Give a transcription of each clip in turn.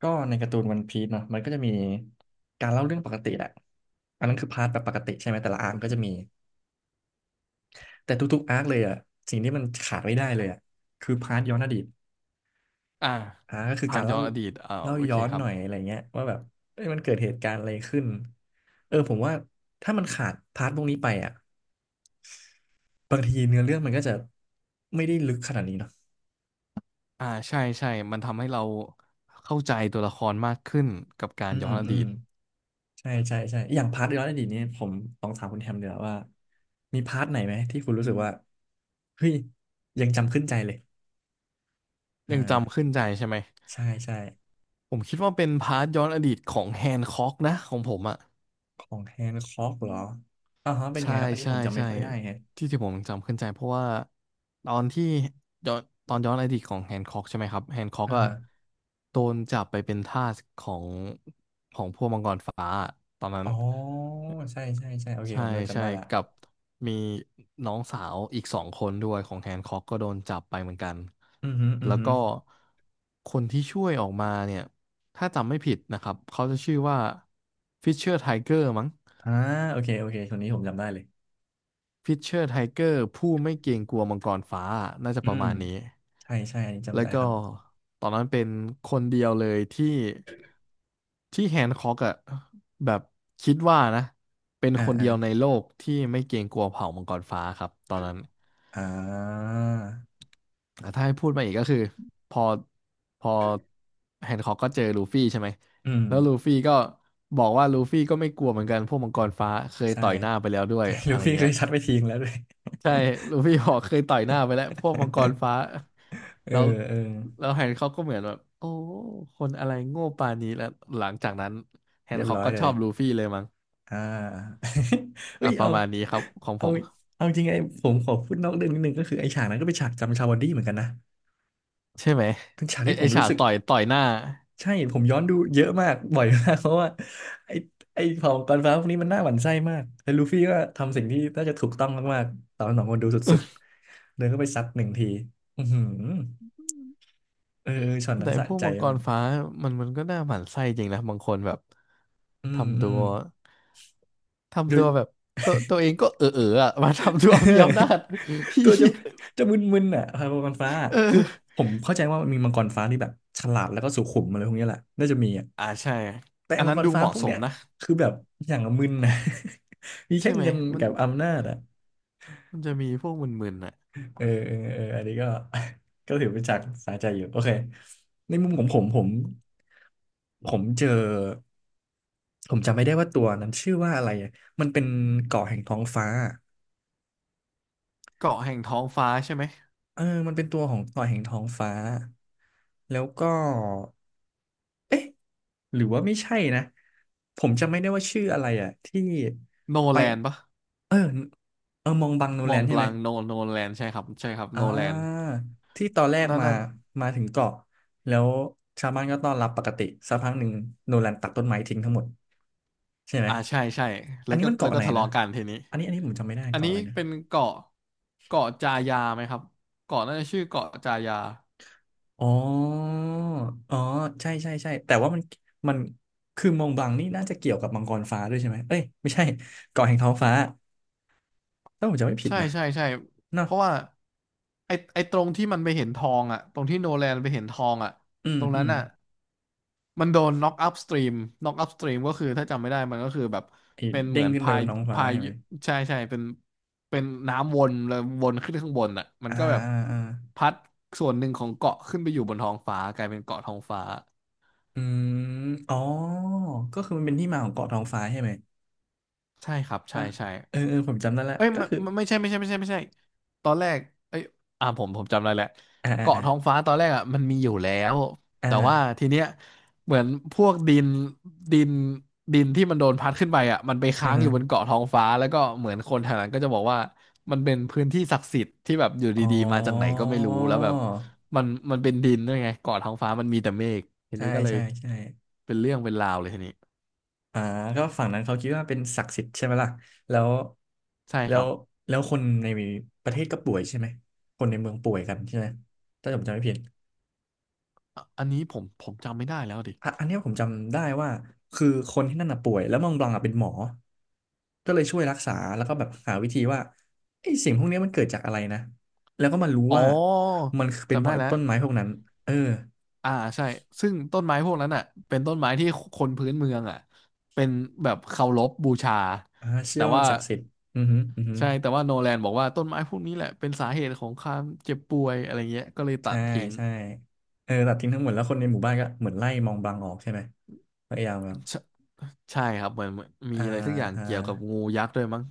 ก็ในการ์ตูนวันพีซเนาะมันก็จะมีการเล่าเรื่องปกติแหละอันนั้นคือพาร์ทแบบปกติใช่ไหมแต่ละอาร์คก็จะมีแต่ทุกๆอาร์คเลยอ่ะสิ่งที่มันขาดไม่ได้เลยอ่ะคือพาร์ทย้อนอดีตอ่าก็คือผ่ากานรย้เล่าอนอดีตโอเคย้อนครัหบน่อยอะไรเงี้ยว่าแบบเอ้ยมันเกิดเหตุการณ์อะไรขึ้นเออผมว่าถ้ามันขาดพาร์ทพวกนี้ไปอ่ะบางทีเนื้อเรื่องมันก็จะไม่ได้ลึกขนาดนี้เนาะอ่าใช่ใช่มันทำให้เราเข้าใจตัวละครมากขึ้นกับการอืย้มอนออืดีม ตใช่ใช่ใช่อย่างพาร์ทย้อนอดีตนี้ผมลองถามคุณแฮมเดี๋ยวาว่ามีพาร์ทไหนไหมที่คุณรู้สึกว่าเฮ้ยยังจำขึ้นใจเลยอยังจำ่าขึ้นใจใช่ไหมใช่ใช่ผมคิดว่าเป็นพาร์ทย้อนอดีตของแฮนค็อกนะของผมอ่ะของแฮนค็อกเหรออ่าฮะเป็นยังใช่ไงครับอันนี้ใช่ผมจำไม่ใช่ค่อยได้แฮะที่ผมจำขึ้นใจเพราะว่าตอนที่ย้อนตอนย้อนอดีตของแฮนค็อกใช่ไหมครับแฮนค็อกอ่าอะฮะโดนจับไปเป็นทาสของพวกมังกรฟ้าตอนนั้น อ๋อใช่ใช่ใช่โอเคใช่ผมเริ่มจำใช่ได้ละกับมีน้องสาวอีกสองคนด้วยของแฮนค็อกก็โดนจับไปเหมือนกันอือฮึอือแล้วฮึก็คนที่ช่วยออกมาเนี่ยถ้าจำไม่ผิดนะครับเขาจะชื่อว่าฟิชเชอร์ไทเกอร์มั้ง อ่าโอเคโอเคคนนี้ผมจำได้เลยพิชเชอร์ไทเกอร์ผู้ไม่เกรงกลัวมังกรฟ้าน่าจะอืประมมาณนี้ใช่ใช่อันนี้แล้จำวได้ก็ครับตอนนั้นเป็นคนเดียวเลยที่แฮนค็อกอะแบบคิดว่านะเป็นอ่าคนอ่าเดียวในโลกที่ไม่เกรงกลัวเผ่ามังกรฟ้าครับตอนนั้นอ่าอ่ะถ้าให้พูดมาอีกก็คือพอพอแฮนค็อกก็เจอลูฟี่ใช่ไหมอืมแล้วลูฟี่ก็บอกว่าลูฟี่ก็ไม่กลัวเหมือนกันพวกมังกรฟ้าเคยใช่ต่อยหน้าไปแล้วด้วยใช่ อะลูไรฟี่เคเงี้ย ยชัดไปทิ้งแล้วด้วย ใช่ลูฟพี่หอกเคยต่อยหน้าไปแล้วพวกมังกรฟ้า เออแล้วเออแล้วแฮนค็อกก็เหมือนแบบโอ้คนอะไรโง่ปานนี้แล้ว หลังจากนั้นแฮเรีนยบค็อกร้อยก็เลชยอบลูฟี่เลยมั้งอ่า เอ้อ่ะยประมาณนี้ครับของผเอา ม เอาจริงผมขอพูดนอกเรื่องนิดนึงก็คือไอ้ฉากนั้นก็เป็นฉากจำชาวดี้เหมือนกันนะใช่ไหมเป็นฉากไอที่ผไอมฉารู้กสึกต่อยหน้า ใช่ผมย้อนดูเยอะมาก บ่อยมากเพราะว่าไอ้ไอ้เผ่ามังกรฟ้าพวกนี้มันน่าหวั่นไส้มากแล้วลูฟี่ก็ทำสิ่งที่น่าจะถูกต้องมากๆตอนสองคนดูสุดๆเดินเข้าไปซัดหนึ่งทีอือหือเออเออช็อตนั้แต่นสะพวกใจมังกมารกฟ้ามันก็น่าหมั่นไส้จริงนะบางคนแบบ อืมทำอืตัมว โดทำตัย วแบบตัวเองก็เอออ่ะ มาทำตัวมีอำนาจ ตัวจะ มึนๆอ่ะครับมังกรฟ้าคือเออผมเข้าใจว่ามันมีมังกรฟ้าที่แบบฉลาดแล้วก็สุขุมอะไรพวกเนี้ยแหละน่าจะมีอ่ะใช่แต่อันมังนั้กนรดูฟ้าเหมาะพวกสเนี้มยนะ คือแบบอย่างละมึนนะ มีแค่ใช่ไหมเงินมันกับอำนาจอ่ะมันจะมีพวกมึนๆน่ะเออเออเอออันนี้ก็ ก็ถือเป็นฉากสาใจอยู่โอเคในมุมของผมผมเจอผมจำไม่ได้ว่าตัวนั้นชื่อว่าอะไรอะมันเป็นเกาะแห่งท้องฟ้าเกาะแห่งท้องฟ้าใช่ไหมเออมันเป็นตัวของเกาะแห่งท้องฟ้าแล้วก็เอ๊ะ หรือว่าไม่ใช่นะผมจำไม่ได้ว่าชื่ออะไรอ่ะที่โนไปแลนปะเออเออมองบังโนมแลองนบใช่ลัไหมงโนแลนใช่ครับใช่ครับอ่โนแลนาที่ตอนแรกนั่นมานั่นมาถึงเกาะแล้วชาวบ้านก็ต้อนรับปกติสักพักหนึ่งโนแลนตัดต้นไม้ทิ้งทั้งหมดใช่ไหมอ่าใช่ใช่อัแล้นวนี้ก็มันแล้วเกาะก็ไหนทะนะเลาะกันทีนี้อันนี้อันนี้ผมจำไม่ได้อันเกาะนี้อะไรนะเป็นเกาะเกาะจายาไหมครับเกาะน่าจะชื่อเกาะจายาอ๋ออ๋อใช่ใช่ใช่แต่ว่ามันมันคือมองบลังนี่น่าจะเกี่ยวกับมังกรฟ้าด้วยใช่ไหมเอ้ยไม่ใช่เกาะแห่งท้องฟ้าถ้าผมจำไม่ผิดใช่นะใช่ใช่เนาะ เพราะว่าไอตรงที่มันไปเห็นทองอ่ะตรงที่โนแลนไปเห็นทองอ่ะอืมตรงอืนั้นมอ่ะ มันโดน knock up stream knock up stream ก็คือถ้าจำไม่ได้มันก็คือแบบไอ้เป็นเหเด้มืงอนขึ้นไปพาบยนท้องฟ้าพายใช่ไหมใช่ใช่เป็นน้ำวนแล้ววนขึ้นข้างบนอ่ะมันอ่าก็แบบอ่าอ่าพัดส่วนหนึ่งของเกาะขึ้นไปอยู่บนท้องฟ้ากลายเป็นเกาะท้องฟ้าอืมอ๋อก็คือมันเป็นที่มาของเกาะท้องฟ้าใช่ไหมใช่ครับใช่ป่ะใช่ เออเออผมจำได้ละเอ้ยก็ไม่คือไม่ไม่ใช่ไม่ใช่ไม่ใช่ไม่ใช่ตอนแรกเอ้ยอ่าผมจำได้แหละอ่าเกาะอ่าท้องฟ้าตอนแรกอ่ะมันมีอยู่แล้วอ่าแต่ว่าทีเนี้ยเหมือนพวกดินดินที่มันโดนพัดขึ้นไปอ่ะมันไปอือค้างอฮะยู่บนเกาะท้องฟ้าแล้วก็เหมือนคนแถวนั้นก็จะบอกว่ามันเป็นพื้นที่ศักดิ์สิทธิ์ที่แบบอยู่อ๋อดีๆมาจากไหนก็ไม่รู้แล้วแบบมันเป็นดินด้วยไงเกาะท้องฟ้ามันมีแต่เมฆทีใช่นี้ก็เลยใช่ใช่เป็นเรื่องเป็นราวเลยทีนี้อ่าก็ฝั่งนั้นเขาคิดว่าเป็นศักดิ์สิทธิ์ใช่ไหมล่ะแล้วใช่แล้ครัวบแล้วคนในประเทศก็ป่วยใช่ไหมคนในเมืองป่วยกันใช่ไหมถ้าผมจำไม่ผิด อะอันนี้ผมจำไม่ได้แล้วดิ อ่ะอันเนี้ยผมจำได้ว่าคือคนที่นั่นน่ะป่วยแล้วมองบลังอ่ะเป็นหมอก็เลยช่วยรักษาแล้วก็แบบหาวิธีว่าไอ้สิ่งพวกเนี้ยมันเกิดจากอะไรนะ แล้วก็มารู้อ๋อว่ามันเป็นเพจำราะได้ไอ้แล้วต้นไม้พวกนั้น เอออ่าใช่ซึ่งต้นไม้พวกนั้นอ่ะเป็นต้นไม้ที่คนพื้นเมืองอ่ะเป็นแบบเคารพบูชาอ่าเชื่อแต่ว่ามัว่านศักดิ์สิทธิ์อือฮึอือฮึใช่แต่ว่าโนแลนบอกว่าต้นไม้พวกนี้แหละเป็นสาเหตุของความเจ็บป่วยอะไรเงี้ยก็เลยตัใช่ดทิ้งใช่เออตัดทิ้งทั้งหมดแล้วคนในหมู่บ้านก็เหมือนไล่มองบลังออกใช่ไหมพยายามแบบใช่ใช่ครับเหมือนมีอ่าอะไรสักอย่างอ่าเกี่ยวกับงูยักษ์ด้วยมั้ง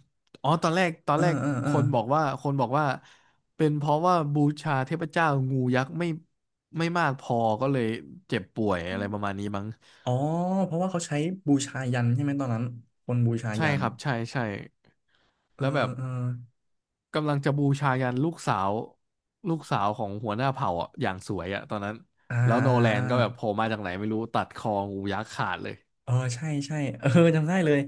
อ๋อตอนแรกตอนเออแรกเออคเออนบอกว่าคนบอกว่าเป็นเพราะว่าบูชาเทพเจ้างูยักษ์ไม่มากพอก็เลยเจ็บป่วยอะไรประมาณนี้มั้ง อ๋อเพราะว่าเขาใช้บูชายัญใช่ไหมตอนนั้นคนบูชาใช่ยัญครับใช่ใช่เออแล้วแบบเออ กำลังจะบูชายันลูกสาวลูกสาวของหัวหน้าเผ่าอ่ะอย่างสวยอ่ะตอนนั้นอ่าแล้วโนอ่าอแลนก็แบบโผล่่ามาจากไหนไม่รู้ตัดคองูยักษ์ขาดเลยเออใช่ใช่เออจำได้เลย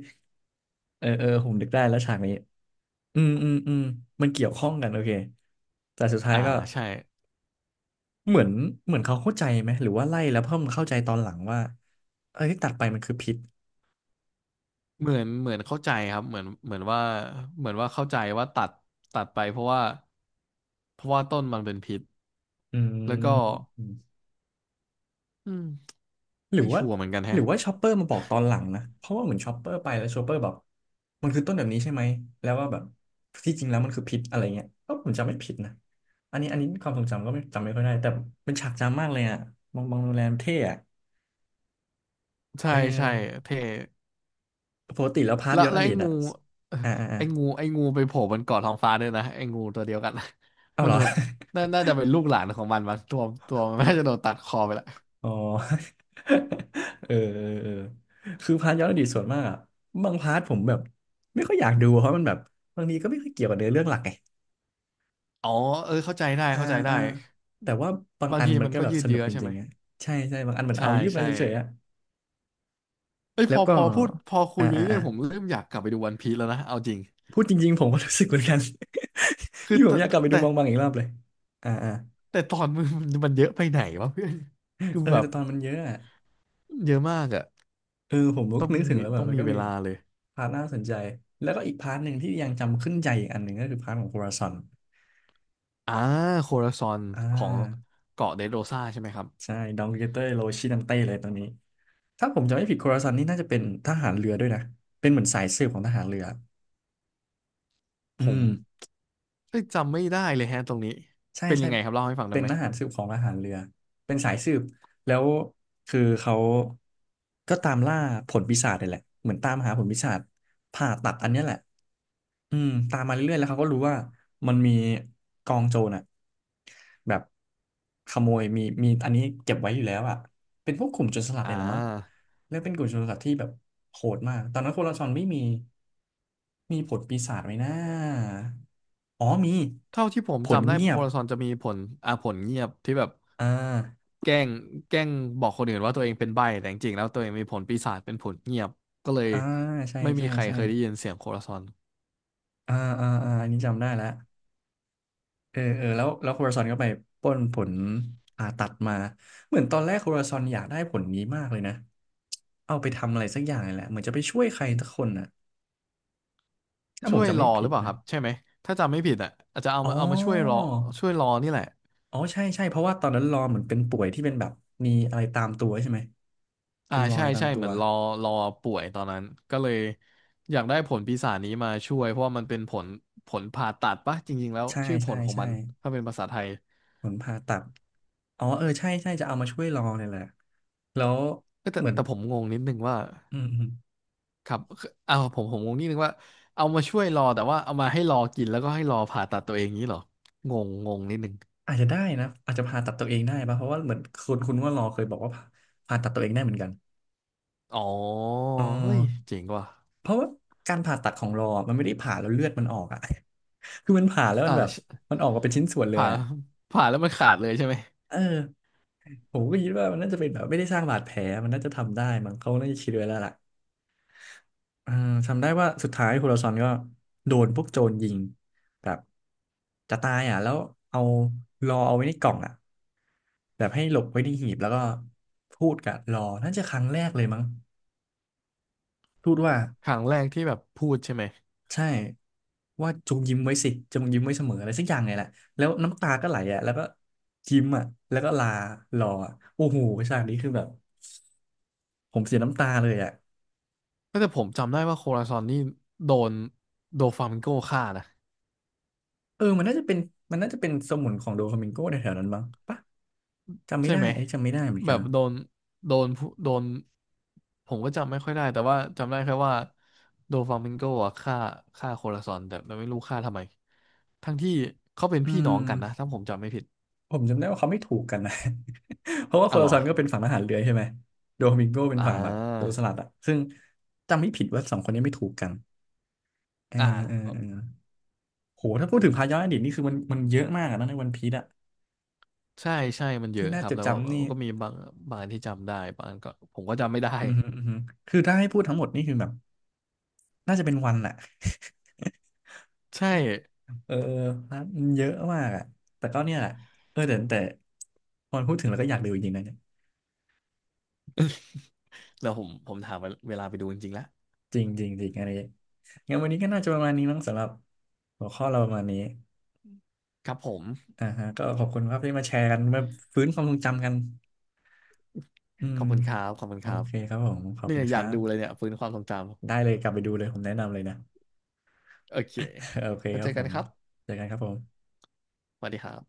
เออเออผมนึกได้แล้วฉากนี้อืมอืมอืมมันเกี่ยวข้องกันโอเคแต่สุดท้ายอ่าก็ใช่เหมือนเขาเข้าใจไหมหรือว่าไล่แล้วเพิ่มเข้าใจตอนหลังว่าเอ้ยตัดไปมันคือพิษเหมือนเข้าใจครับเหมือนว่าเข้าใจว่าตัดไปเพราะว่าต้นมันเป็นพิษอแล้วก็ืม อืมหรือไม่ว่าชัวร์เหมือนกันแฮะชอปเปอร์มาบอกตอนหลังนะเพราะว่าเหมือนชอปเปอร์ไปแล้วชอปเปอร์แบบมันคือต้นแบบนี้ใช่ไหมแล้วว่าแบบที่จริงแล้วมันคือพิษอะไรเงี้ยก็ผมจำไม่ผิดนะอันนี้ความทรงจำก็ไม่จำไม่ค่อยได้แต่เป็นฉากจำมากเลยอ่ะบองบองโรงแรมเท่อะใช่เออใช่เท่ ปกติแล้วพาร์ทแล้วย้อนอแล้วดีไอ้ตงู อ่ะ เอ่ออ่าอ่าอ่าไอ้งูไปโผล่บนเกาะท้องฟ้าด้วยนะไอ้งูตัวเดียวกัน เอา มันเหรอ โดนน่าจะเป็นลูกหลานของมันตัวมันน่าจะโดนตัดคอไปละ อ๋อ เออเออเออคือพาร์ทย้อนอดีตส่วนมากอะบางพาร์ทผมแบบไม่ค่อยอยากดูเพราะมันแบบบางทีก็ไม่ค่อยเกี่ยวกับเนื้อเรื่องหลักไง อ๋อเออเข้าใจได้อ่าอ่าแต่ว่าบางบางอันทีมันมันก็ก็แบบยืดสนุเยื้กอจใช่ไหริมงๆอ่ะใช่ใช่บางอันมันใช่เอายืมมาใช่เฉยๆอ่ะเอ้ยแล้พวอก็พอพูดพอคุอ่ายไปอ่าเรื่อ่าอยๆผมเริ่มอยากกลับไปดูวันพีซแล้วนะเอาจริงพูดจริงๆผมก็รู้สึกเหมือนกัน คือนี่ผมแต่อยากกลับไปดูแต่มองบางอีกรอบเลยอ่าอ่าตอนมันมันเยอะไปไหนวะเพื่อนดูเออแบบแต่ตอนมันเยอะอ่ะเยอะมากอะเออผมก็ต้องนึกถึงมีแล้วแบบมันก็เวมีลาเลย พาร์ทน่าสนใจแล้วก็อีกพาร์ทหนึ่งที่ยังจำขึ้นใจอีกอันหนึ่งก็คือพาร์ทของโคราซอนอ่าโคราซอนอ่ของาเกาะเดโรซาใช่ไหมครับใช่ดองเกเตอร์โรชินังเต้เลยตอนนี้ถ้าผมจำไม่ผิดโคราซอนนี่น่าจะเป็นทหารเรือด้วยนะเป็นเหมือนสายสืบของทหารเรืออืผมม เอ้ยจำไม่ได้เลยฮะตรงนี้ใช่เป็นใช่ยังไงครับเล่าให้ฟังได้เป็นไหมทหารสืบของทหารเรือเป็นสายสืบแล้วคือเขาก็ตามล่าผลปีศาจนี่แหละเหมือนตามหาผลปีศาจผ่าตัดอันเนี้ยแหละตามมาเรื่อยๆแล้วเขาก็รู้ว่ามันมีกองโจรอ่ะแบบขโมยมีอันนี้เก็บไว้อยู่แล้วอ่ะเป็นพวกกลุ่มโจรสลัดอ่เนี่ยแหละมั้งาแล้วเป็นกลุ่มโจรสลัดที่แบบโหดมากตอนนั้นโคราชอนไม่มีมีผลปีศาจไหมนะอ๋อมีเท่าที่ผมผลจำได้เงีโคยบ ราซอนจะมีผลอ่าผลเงียบที่แบบอ่าแกล้งแกล้งบอกคนอื่นว่าตัวเองเป็นใบ้แต่จริงๆแล้วตัวเองมีผลปีศาจเป็นผลเงียบก็เลยอ่าใช่ไม่มีใช่ใครใช่เคยได้ยินเสียงโคราซอนอ่าอันนี้จำได้แล้วแล้วโคราซอนก็ไปปล้นผลผ่าตัดมาเหมือนตอนแรกโคราซอนอยากได้ผลนี้มากเลยนะเอาไปทำอะไรสักอย่างนี่แหละเหมือนจะไปช่วยใครสักคนน่ะถ้าผช่มวยจำรไม่อหผิรือดเปล่าคนะรับใช่ไหมถ้าจำไม่ผิดอ่ะอาจจะเอาอ๋อมาช่วยรอช่วยรอนี่แหละ อ๋อใช่ใช่เพราะว่าตอนนั้นรอเหมือนเป็นป่วยที่เป็นแบบมีอะไรตามตัวใช่ไหมอ่าเป็นรอใช่ยตามใช่ตัเหวมือนรอรอป่วยตอนนั้นก็เลยอยากได้ผลปีศาจนี้มาช่วยเพราะว่ามันเป็นผลผลผ่าตัดปะจริงๆแล้วใช่ชื่อผใช่ลของใช่มันถ้าเป็นภาษาไทยผลผ่าตัดอ๋อเออใช่ใช่จะเอามาช่วยรอเนี่ยแหละแล้วเอ้ยแต่เหมือนแต่ผมงงนิดนึงว่าอืม ครับเอาผมงงนิดนึงว่าเอามาช่วยรอแต่ว่าเอามาให้รอกินแล้วก็ให้รอผ่าตัดตัวเองนี้เหรองงงงนิดนึงอาจจะได้นะอาจจะผ่าตัดตัวเองได้ปะเพราะว่าเหมือนคุณว่ารอเคยบอกว่าผ่าตัดตัวเองได้เหมือนกันอ๋อเออเฮ้ยเจ๋งว่ะเพราะว่าการผ่าตัดของรอมันไม่ได้ผ่าแล้วเลือดมันออกอ่ะ คือมันผ่าแล้วมัอ่านแบบใช่มันออกมาเป็นชิ้นส่วนเลยผ่าอ่ะแล้วมันขาดเลยใช่ไหมเออผมก็คิดว่ามันน่าจะเป็นแบบไม่ได้สร้างบาดแผลมันน่าจะทำได้มั้งเขาน่าจะคิดไว้แล้วล่ะเออจำได้ว่าสุดท้ายโฮโลซอนก็โดนพวกโจรยิงแบบจะตายอ่ะแล้วเอารอเอาไว้ในกล่องอ่ะ แบบให้หลบไว้ที่หีบแล้วก็พูดกับรอน่าจะครั้งแรกเลยมั้งพูดว่าครั้งแรกที่แบบพูดใช่ไหม ใช่ว่าจงยิ้มไว้สิจงยิ้มไว้เสมออะไรสักอย่างไงแหละแล้วน้ำตาก็ไหลอ่ะแล้วก็ยิ้มอ่ะแล้วก็ลารออะโอ้โหฉากนี้คือแบบผมเสียน้ำตาเลยอ่ะก็แต่ผมจำได้ว่าโคราซอนนี่โดนโดฟลามิงโกฆ่านะเออมันน่าจะเป็นสมุนของโดฟามิงโกในแถวนั้นมั้งปะจำไม่ใช่ได้ไหมจำไม่ได้เหมือนแบกับนโดนโดนผู้โดนผมก็จำไม่ค่อยได้แต่ว่าจำได้แค่ว่าโดฟลามิงโกอะฆ่าโคราซอนแต่ไม่รู้ฆ่าทำไมทั้งที่เขาเป็นอืพี่น้องกันนะม ถ้าผมจำไม่ผิดผมจำได้ว่าเขาไม่ถูกกันนะ เพราะว่าโคอะเหลารอซันก็เป็นฝั่งทหารเรือใช่ไหมโดมิงโกเป็นอ่ฝั่งแบบโจราสลัดอะซึ่งจำไม่ผิดว่าสองคนนี้ไม่ถูกกันเอออ่าเออเออโหถ้าพูดถึงพาย้อนอดีตนี่คือมันเยอะมากอะนะในวันพีซอะใช่ใช่มันเยที่อะน่าครัจบดแล้วว่าจำนี่ก็มีบางอันที่จำได้บางอันก็ผมก็จำไม่ได้ อืมฮึอืมฮึคือถ้าให้พูดทั้งหมดนี่คือแบบน่าจะเป็นวันแหละ ใช่ เออเออนะมันเยอะมากอะแต่ก็เนี่ยแหละเออแต่พอพูดถึงแล้วก็อยากดูจริงๆนะเนี่ย แล้วผมถามเวลาไปดูจริงๆแล้วจริงจริงจริงอะไรงั้นวันนี้ก็น่าจะประมาณนี้มั้งสำหรับหัวข้อเราประมาณนี้ ครับผม อ่าฮะก็ขอบคุณครับที่มาแชร์กันมาฟื้นความทรงจำกันอืขมอบคุณครับ ขอบคุณโอครับเคครับผมขอบเนี่คุยณคอยารักดูเลยบเนี่ยฟื้นความทรงจได้เลยกลับไปดูเลยผมแนะนำเลยนะ ำ โอเค โอเคแล้วครัเจบอผกันมครับ เจอกันครับผมสวัสดีครับ